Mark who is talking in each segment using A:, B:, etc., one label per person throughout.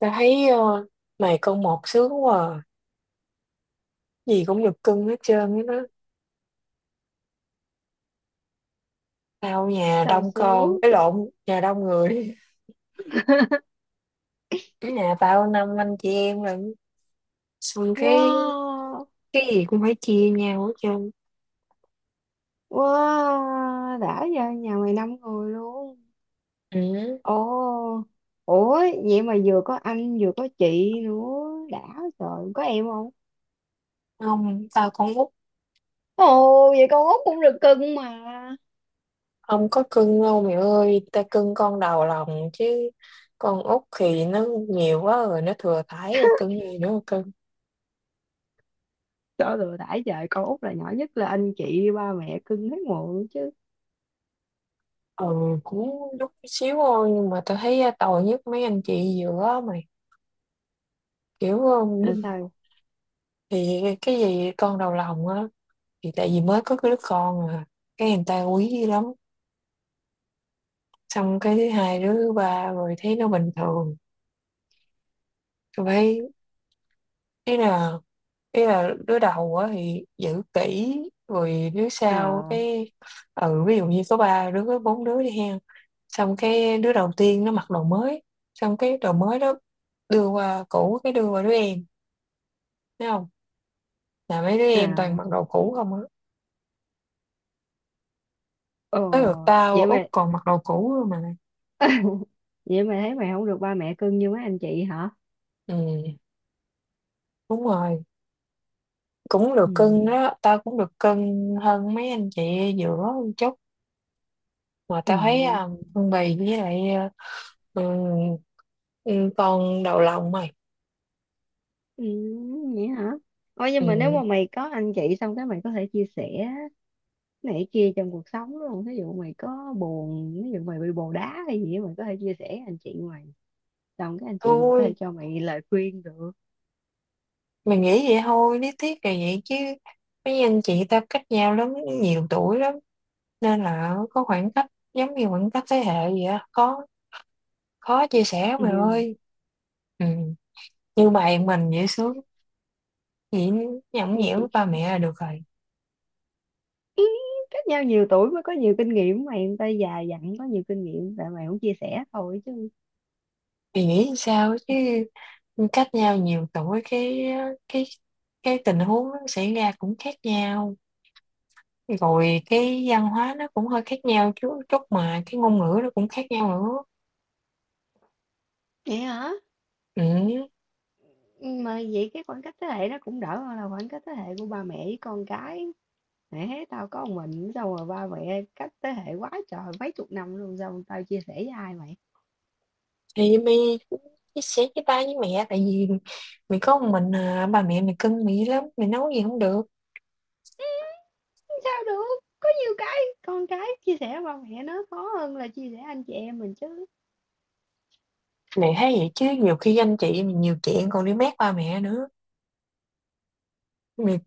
A: Tao thấy mày con một sướng quá à. Gì cũng được cưng hết trơn á đó. Tao nhà
B: Xào
A: đông con,
B: xú.
A: cái lộn, nhà đông người. Cái nhà tao năm anh chị em lận. Xong cái
B: Wow.
A: cái gì cũng phải chia nhau hết trơn.
B: Wow, đã, giờ nhà mày năm người luôn.
A: Ừ.
B: Ồ. Ủa, vậy mà vừa có anh vừa có chị nữa đã. Trời, có em không?
A: Không, tao con út,
B: Ồ, vậy con út cũng được cưng mà.
A: không có cưng đâu mẹ ơi. Tao cưng con đầu lòng chứ. Con út thì nó nhiều quá rồi, nó thừa thãi rồi, cưng gì nữa mà cưng.
B: Trời ơi đã trời, con út là nhỏ nhất, là anh chị ba mẹ cưng hết muộn chứ.
A: Ừ, cũng chút xíu thôi nhưng mà tao thấy tội nhất mấy anh chị giữa á mày, kiểu
B: Sao?
A: thì cái gì con đầu lòng á thì tại vì mới có cái đứa con à, cái người ta quý lắm, xong cái thứ hai đứa thứ ba rồi thấy nó bình thường. Tôi thấy, ý là ý là đứa đầu á thì giữ kỹ, rồi đứa sau
B: À.
A: cái ừ ví dụ như có ba đứa có bốn đứa đi hen, xong cái đứa đầu tiên nó mặc đồ mới, xong cái đồ mới đó đưa qua cũ cái đưa qua đứa em, thấy không, là mấy đứa em toàn
B: À.
A: mặc đồ cũ không á,
B: Ồ.
A: tới lượt tao
B: Vậy
A: Út
B: mà
A: còn mặc đồ cũ luôn mà.
B: vậy mà thấy mày không được ba mẹ cưng như mấy anh chị hả?
A: Ừ, đúng rồi, cũng được
B: Ừ.
A: cưng đó, tao cũng được cưng hơn mấy anh chị giữa một chút, mà tao
B: Ừ.
A: thấy Hương Bì với lại ừ, ừ, con đầu lòng mày.
B: Ừ, vậy hả? Ôi
A: Ừ.
B: nhưng mà nếu mà mày có anh chị, xong cái mày có thể chia sẻ này kia trong cuộc sống, đúng không? Ví dụ mày có buồn, ví dụ mày bị bồ đá hay gì á, mày có thể chia sẻ với anh chị mày. Xong cái anh chị mày có
A: Thôi,
B: thể cho mày lời khuyên được.
A: mày nghĩ vậy thôi, lý thuyết là vậy chứ mấy anh chị tao cách nhau lắm, nhiều tuổi lắm, nên là có khoảng cách, giống như khoảng cách thế hệ vậy á, khó, khó chia sẻ lắm mày
B: Nhưng
A: ơi. Ừ. Như mày mình dễ sướng vậy, nhõng nhẽo với
B: nhưng-
A: ba mẹ là được rồi.
B: Ý, cách nhau nhiều tuổi mới có nhiều kinh nghiệm mày, người ta già dặn có nhiều kinh nghiệm, tại mày không chia sẻ thôi chứ.
A: Thì nghĩ sao chứ, cách nhau nhiều tuổi cái cái tình huống nó xảy ra cũng khác nhau, rồi cái văn hóa nó cũng hơi khác nhau chút chút, mà cái ngôn ngữ nó cũng khác nhau nữa.
B: Vậy hả?
A: Ừ.
B: Mà vậy cái khoảng cách thế hệ nó cũng đỡ hơn là khoảng cách thế hệ của ba mẹ với con cái. Mẹ, tao có một mình, xong rồi ba mẹ cách thế hệ quá trời mấy chục năm luôn, xong tao chia sẻ với ai mày?
A: Thì mày chia sẻ với ba với mẹ, tại vì mày có một mình à, ba mẹ mày cưng mày lắm, mày nấu gì không được.
B: Sao được, có nhiều cái con cái chia sẻ với ba mẹ nó khó hơn là chia sẻ anh chị em mình chứ.
A: Mày thấy vậy chứ nhiều khi anh chị mày nhiều chuyện còn đi mét ba mẹ nữa. Mày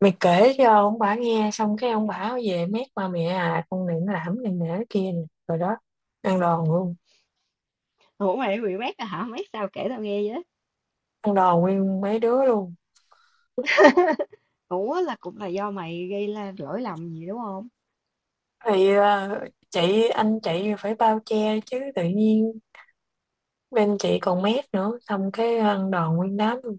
A: mày kể cho ông bà nghe xong cái ông bà về mét ba mẹ, à con này nó làm này nè cái kia nè, rồi đó, ăn đòn luôn,
B: Ủa, mày bị mét à? Hả, mét sao kể tao nghe vậy?
A: ăn đòn nguyên mấy đứa luôn.
B: Ủa, là cũng là do mày gây ra lỗi lầm gì đúng không?
A: thì ờ, chị anh chị phải bao che chứ, tự nhiên bên chị còn mét nữa, xong cái ăn đòn nguyên đám luôn.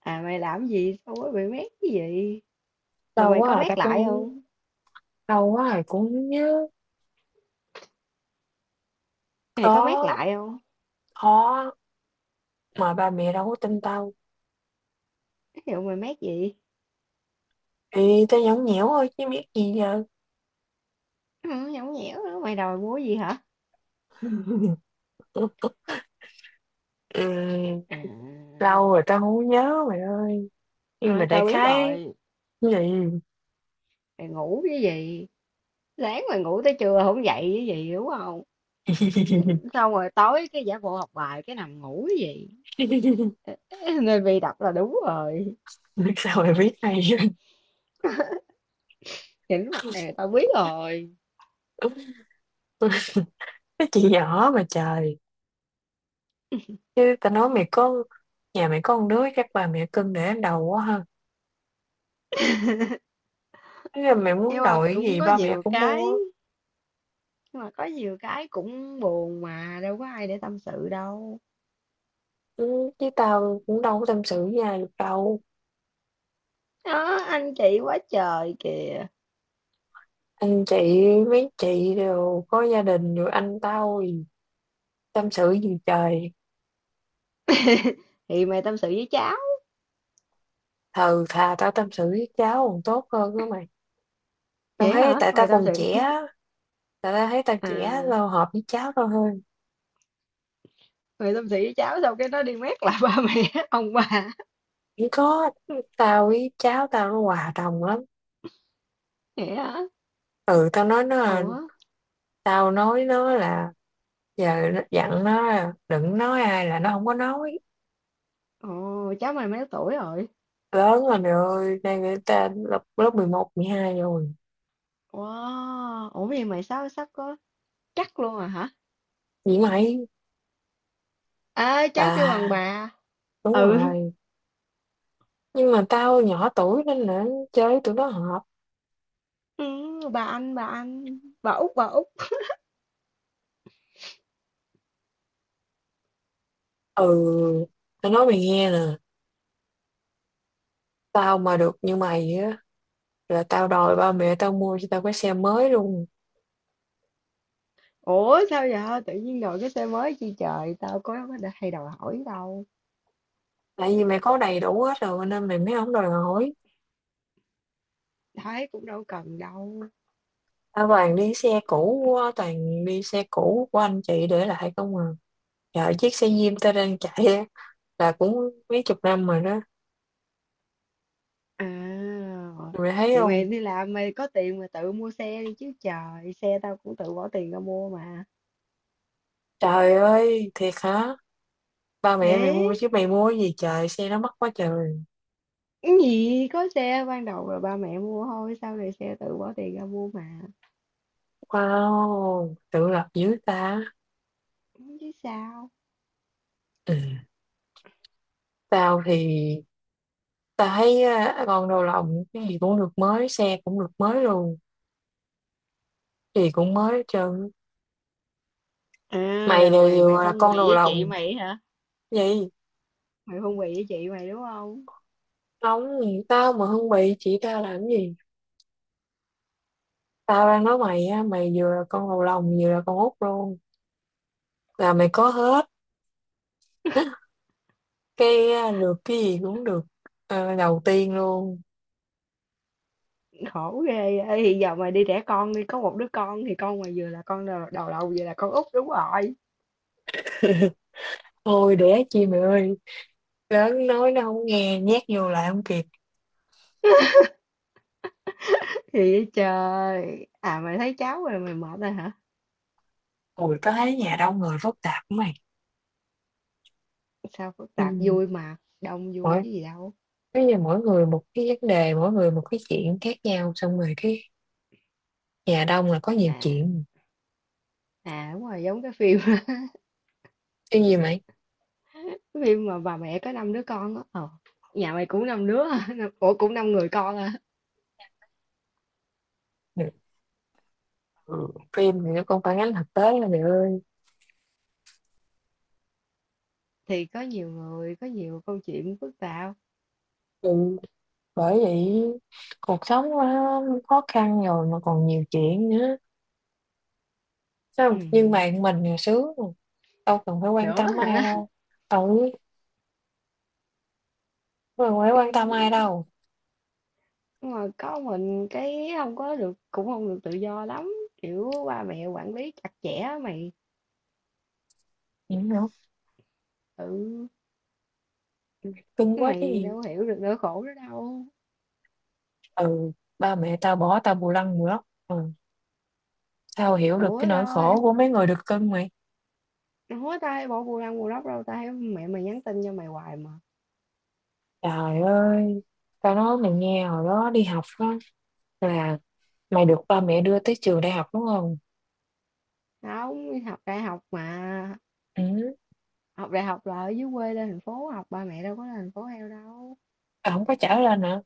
B: À, mày làm gì sao mới bị mét cái gì? Rồi
A: Đau
B: mày
A: quá
B: có
A: à, ta
B: mét
A: cũng
B: lại
A: không,
B: không?
A: đau quá à cũng không nhớ.
B: Mày có mét
A: Có,
B: lại không?
A: khó, mà ba mẹ đâu có tin tao.
B: Ví dụ mày mét gì?
A: Thì tao nhõng nhẽo thôi chứ biết gì giờ.
B: Ừ, nhõng nhẽo nữa, mày đòi mua gì hả?
A: Ừ,
B: À.
A: lâu rồi tao không nhớ mày ơi, nhưng mà
B: Thôi,
A: đại
B: tao biết
A: khái.
B: rồi.
A: Ừ.
B: Mày ngủ cái gì? Sáng mà ngủ tới trưa không dậy chứ gì, đúng không? Xong rồi tối cái giả bộ học bài cái nằm ngủ chứ gì. Nên bị đọc là đúng rồi,
A: Biết sao mày biết hay
B: nhìn mặt này tao biết rồi.
A: vậy? Cái chị nhỏ mà trời, chứ tao nói mày có, nhà mày có con đứa chắc bà mẹ cưng để lên đầu quá ha. Thế là mày muốn
B: Nhưng mà
A: đổi cái
B: cũng
A: gì
B: có
A: ba mẹ
B: nhiều
A: cũng
B: cái,
A: mua.
B: nhưng mà có nhiều cái cũng buồn mà, đâu có ai để tâm sự đâu.
A: Ừ, chứ tao cũng đâu có tâm sự với ai được đâu.
B: Đó, anh chị quá trời kìa.
A: Anh chị, mấy chị đều có gia đình rồi, anh tao thì tâm sự gì trời.
B: Thì mày tâm sự với cháu.
A: Thờ thà tao tâm sự với cháu còn tốt hơn đó mày, tao
B: Vậy
A: thấy
B: hả?
A: tại tao
B: Mày tâm
A: còn
B: sự?
A: trẻ á. Tại tao thấy tao trẻ,
B: À,
A: tao hợp với cháu tao hơn.
B: mày tâm sự với cháu xong cái nó đi mét lại ba mẹ, ông bà.
A: Cũng có, tao với cháu tao nó hòa đồng lắm.
B: Vậy hả?
A: Ừ,
B: Ủa?
A: tao nói nó là giờ nó dặn nó là đừng nói ai là nó không có nói.
B: Ồ, cháu mày mấy tuổi rồi?
A: Lớn rồi mày ơi, đang người ta lớp lớp 11, 12 rồi.
B: Wow, ủa vậy mày sao sắp có, chắc luôn à hả?
A: Vậy mày,
B: À, cháu kêu bằng
A: bà,
B: bà.
A: đúng
B: Ừ,
A: rồi, nhưng mà tao nhỏ tuổi nên là chơi với tụi nó hợp.
B: ừ, bà anh, bà anh, bà út, bà út.
A: Ừ, tao nói mày nghe nè, tao mà được như mày á là tao đòi ba mẹ tao mua cho tao cái xe mới luôn.
B: Ủa sao vậy? Tự nhiên đổi cái tên mới chi trời, tao có đã hay đòi hỏi đâu.
A: Tại vì mày có đầy đủ hết rồi nên mày mới không đòi hỏi.
B: Thấy cũng đâu cần đâu.
A: Tao toàn đi xe cũ quá, toàn đi xe cũ của anh chị để lại không à. Dạ, chiếc xe Diêm tao đang chạy á, là cũng mấy chục năm rồi đó.
B: À,
A: Mày thấy
B: thì mày
A: không?
B: đi làm mày có tiền mà tự mua xe đi chứ trời, xe tao cũng tự bỏ tiền ra mua mà.
A: Trời ơi, thiệt hả? Ba mẹ mày mua
B: Thế,
A: chứ mày mua cái gì trời, xe nó mắc quá trời.
B: cái gì có xe ban đầu là ba mẹ mua thôi, sau này xe tự bỏ tiền ra mua mà.
A: Wow, tự lập dữ ta.
B: Chứ sao?
A: Ừ. Tao thì, tao thấy á, con đầu lòng, cái gì cũng được mới, xe cũng được mới luôn. Gì cũng mới hết trơn.
B: À,
A: Mày
B: là
A: là,
B: mày mày
A: vừa là
B: phân
A: con
B: bì
A: đầu
B: với chị
A: lòng.
B: mày hả?
A: Vậy,
B: Mày phân bì với chị mày đúng không?
A: không, tao mà không bị chị tao làm gì? Tao đang nói mày á, mày vừa là con đầu lòng vừa là con út luôn. Là mày có hết. Cái được cái gì cũng được đầu tiên luôn.
B: Khổ ghê. Ê, thì giờ mày đi đẻ con đi, có một đứa con thì con mày vừa là con đầu đầu đầu vừa là con út đúng rồi.
A: Thôi đẻ chi mày ơi. Lớn nói nó không nghe, nhét vô lại không kịp.
B: Thì trời. À mày thấy cháu rồi mày mệt rồi hả?
A: Ui, tao thấy nhà đông người phức tạp của mày.
B: Sao phức tạp,
A: Ừ.
B: vui mà, đông vui
A: Mỗi,
B: chứ gì đâu.
A: bây giờ mỗi người một cái vấn đề, mỗi người một cái chuyện khác nhau. Xong rồi cái nhà đông là có nhiều
B: À.
A: chuyện.
B: À đúng rồi, giống cái phim,
A: Cái gì mày?
B: cái phim mà bà mẹ có năm đứa con á. Ờ. Nhà mày cũng năm đứa, hả? Ủa cũng năm người con à.
A: Ừ. Phim thì nó còn phản ánh thực tế là mày ơi.
B: Thì có nhiều người, có nhiều câu chuyện phức tạp.
A: Ừ. Bởi vậy cuộc sống quá khó khăn rồi mà còn nhiều chuyện nữa,
B: Ừ.
A: sao, nhưng mà mình thì sướng rồi. Đâu cần phải quan
B: Nữa
A: tâm ai
B: hả?
A: đâu. Ừ, đâu cần phải
B: Ừ.
A: quan tâm ai đâu.
B: Nhưng mà có mình cái không có được, cũng không được tự do lắm, kiểu ba mẹ quản lý chặt chẽ mày.
A: Vậy hả?
B: Ừ,
A: Cưng
B: chứ
A: quá chứ
B: mày
A: gì.
B: đâu hiểu được nỗi khổ đó đâu.
A: Ừ, ba mẹ tao bỏ tao bù lăng bù lóc. Ừ. Tao hiểu được
B: ủa
A: cái nỗi
B: tao
A: khổ của mấy người được cưng mày.
B: Ủa tao hay bỏ bù lăng bù lóc đâu, tao thấy mẹ mày nhắn tin cho mày hoài mà.
A: Trời ơi, tao nói mày nghe hồi đó đi học đó, là mày được ba mẹ đưa tới trường đại học đúng không.
B: Tao không học đại học mà,
A: Ừ,
B: học đại học là ở dưới quê lên thành phố học, ba mẹ đâu có lên thành phố heo đâu.
A: tao không có trả lên hả,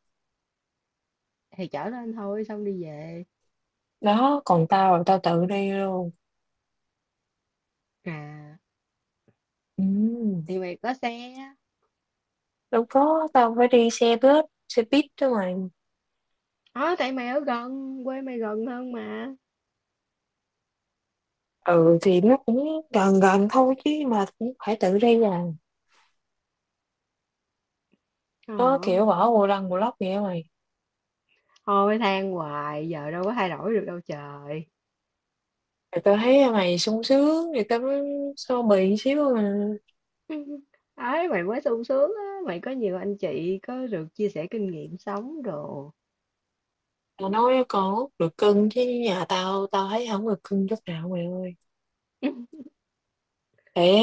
B: Thì chở lên thôi xong đi về.
A: đó còn tao là tao tự đi luôn.
B: À,
A: Ừ,
B: thì mày có xe á.
A: đâu có, tao phải đi xe buýt đó mà.
B: Ờ, tại mày ở gần, quê mày gần hơn mà.
A: Ừ thì nó cũng gần gần thôi chứ mà cũng phải tự đi à,
B: Ờ.
A: nó kiểu bỏ bù lăng bù lóc vậy mày.
B: Thôi than hoài, giờ đâu có thay đổi được đâu trời.
A: Thì tao thấy mày sung sướng thì tao mới so bì xíu mà.
B: Ấy, mày mới sung sướng á, mày có nhiều anh chị, có được chia sẻ kinh nghiệm sống đồ.
A: Tao nói còn hút được cưng, chứ nhà tao tao thấy không được cưng chút nào mày ơi. Để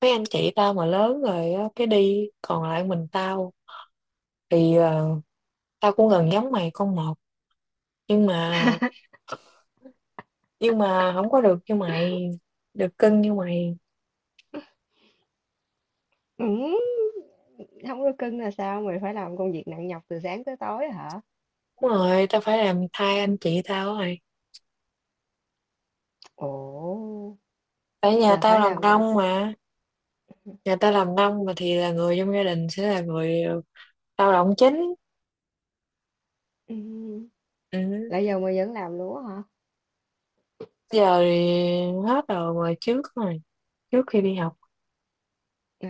A: mấy anh chị tao mà lớn rồi á, cái đi còn lại mình tao, thì ờ, tao cũng gần giống mày con một, nhưng mà nhưng mà không có được như mày, được cưng như mày.
B: Ừ, không có cưng là sao, mày phải làm công việc nặng nhọc từ sáng tới tối hả?
A: Đúng rồi, tao phải làm thay anh chị tao rồi,
B: Ồ,
A: tại nhà
B: là
A: tao
B: phải
A: làm
B: làm từ...
A: nông mà. Nhà tao làm nông mà thì là người trong gia đình sẽ là người lao động chính.
B: Ừ,
A: Ừ.
B: là giờ mày vẫn làm luôn á hả?
A: Giờ thì hết rồi mà trước rồi, trước khi đi học.
B: À,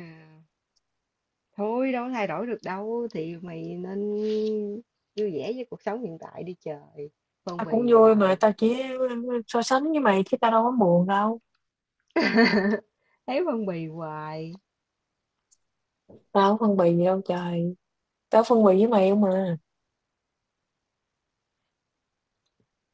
B: thôi đâu có thay đổi được đâu, thì mày nên vui vẻ với cuộc sống hiện tại đi trời. Phân
A: Tao cũng
B: bì
A: vui mà,
B: hoài.
A: tao chỉ so sánh với mày chứ tao đâu có buồn đâu.
B: Thấy phân bì hoài.
A: Tao không phân bì gì đâu trời, tao phân bì với mày không mà.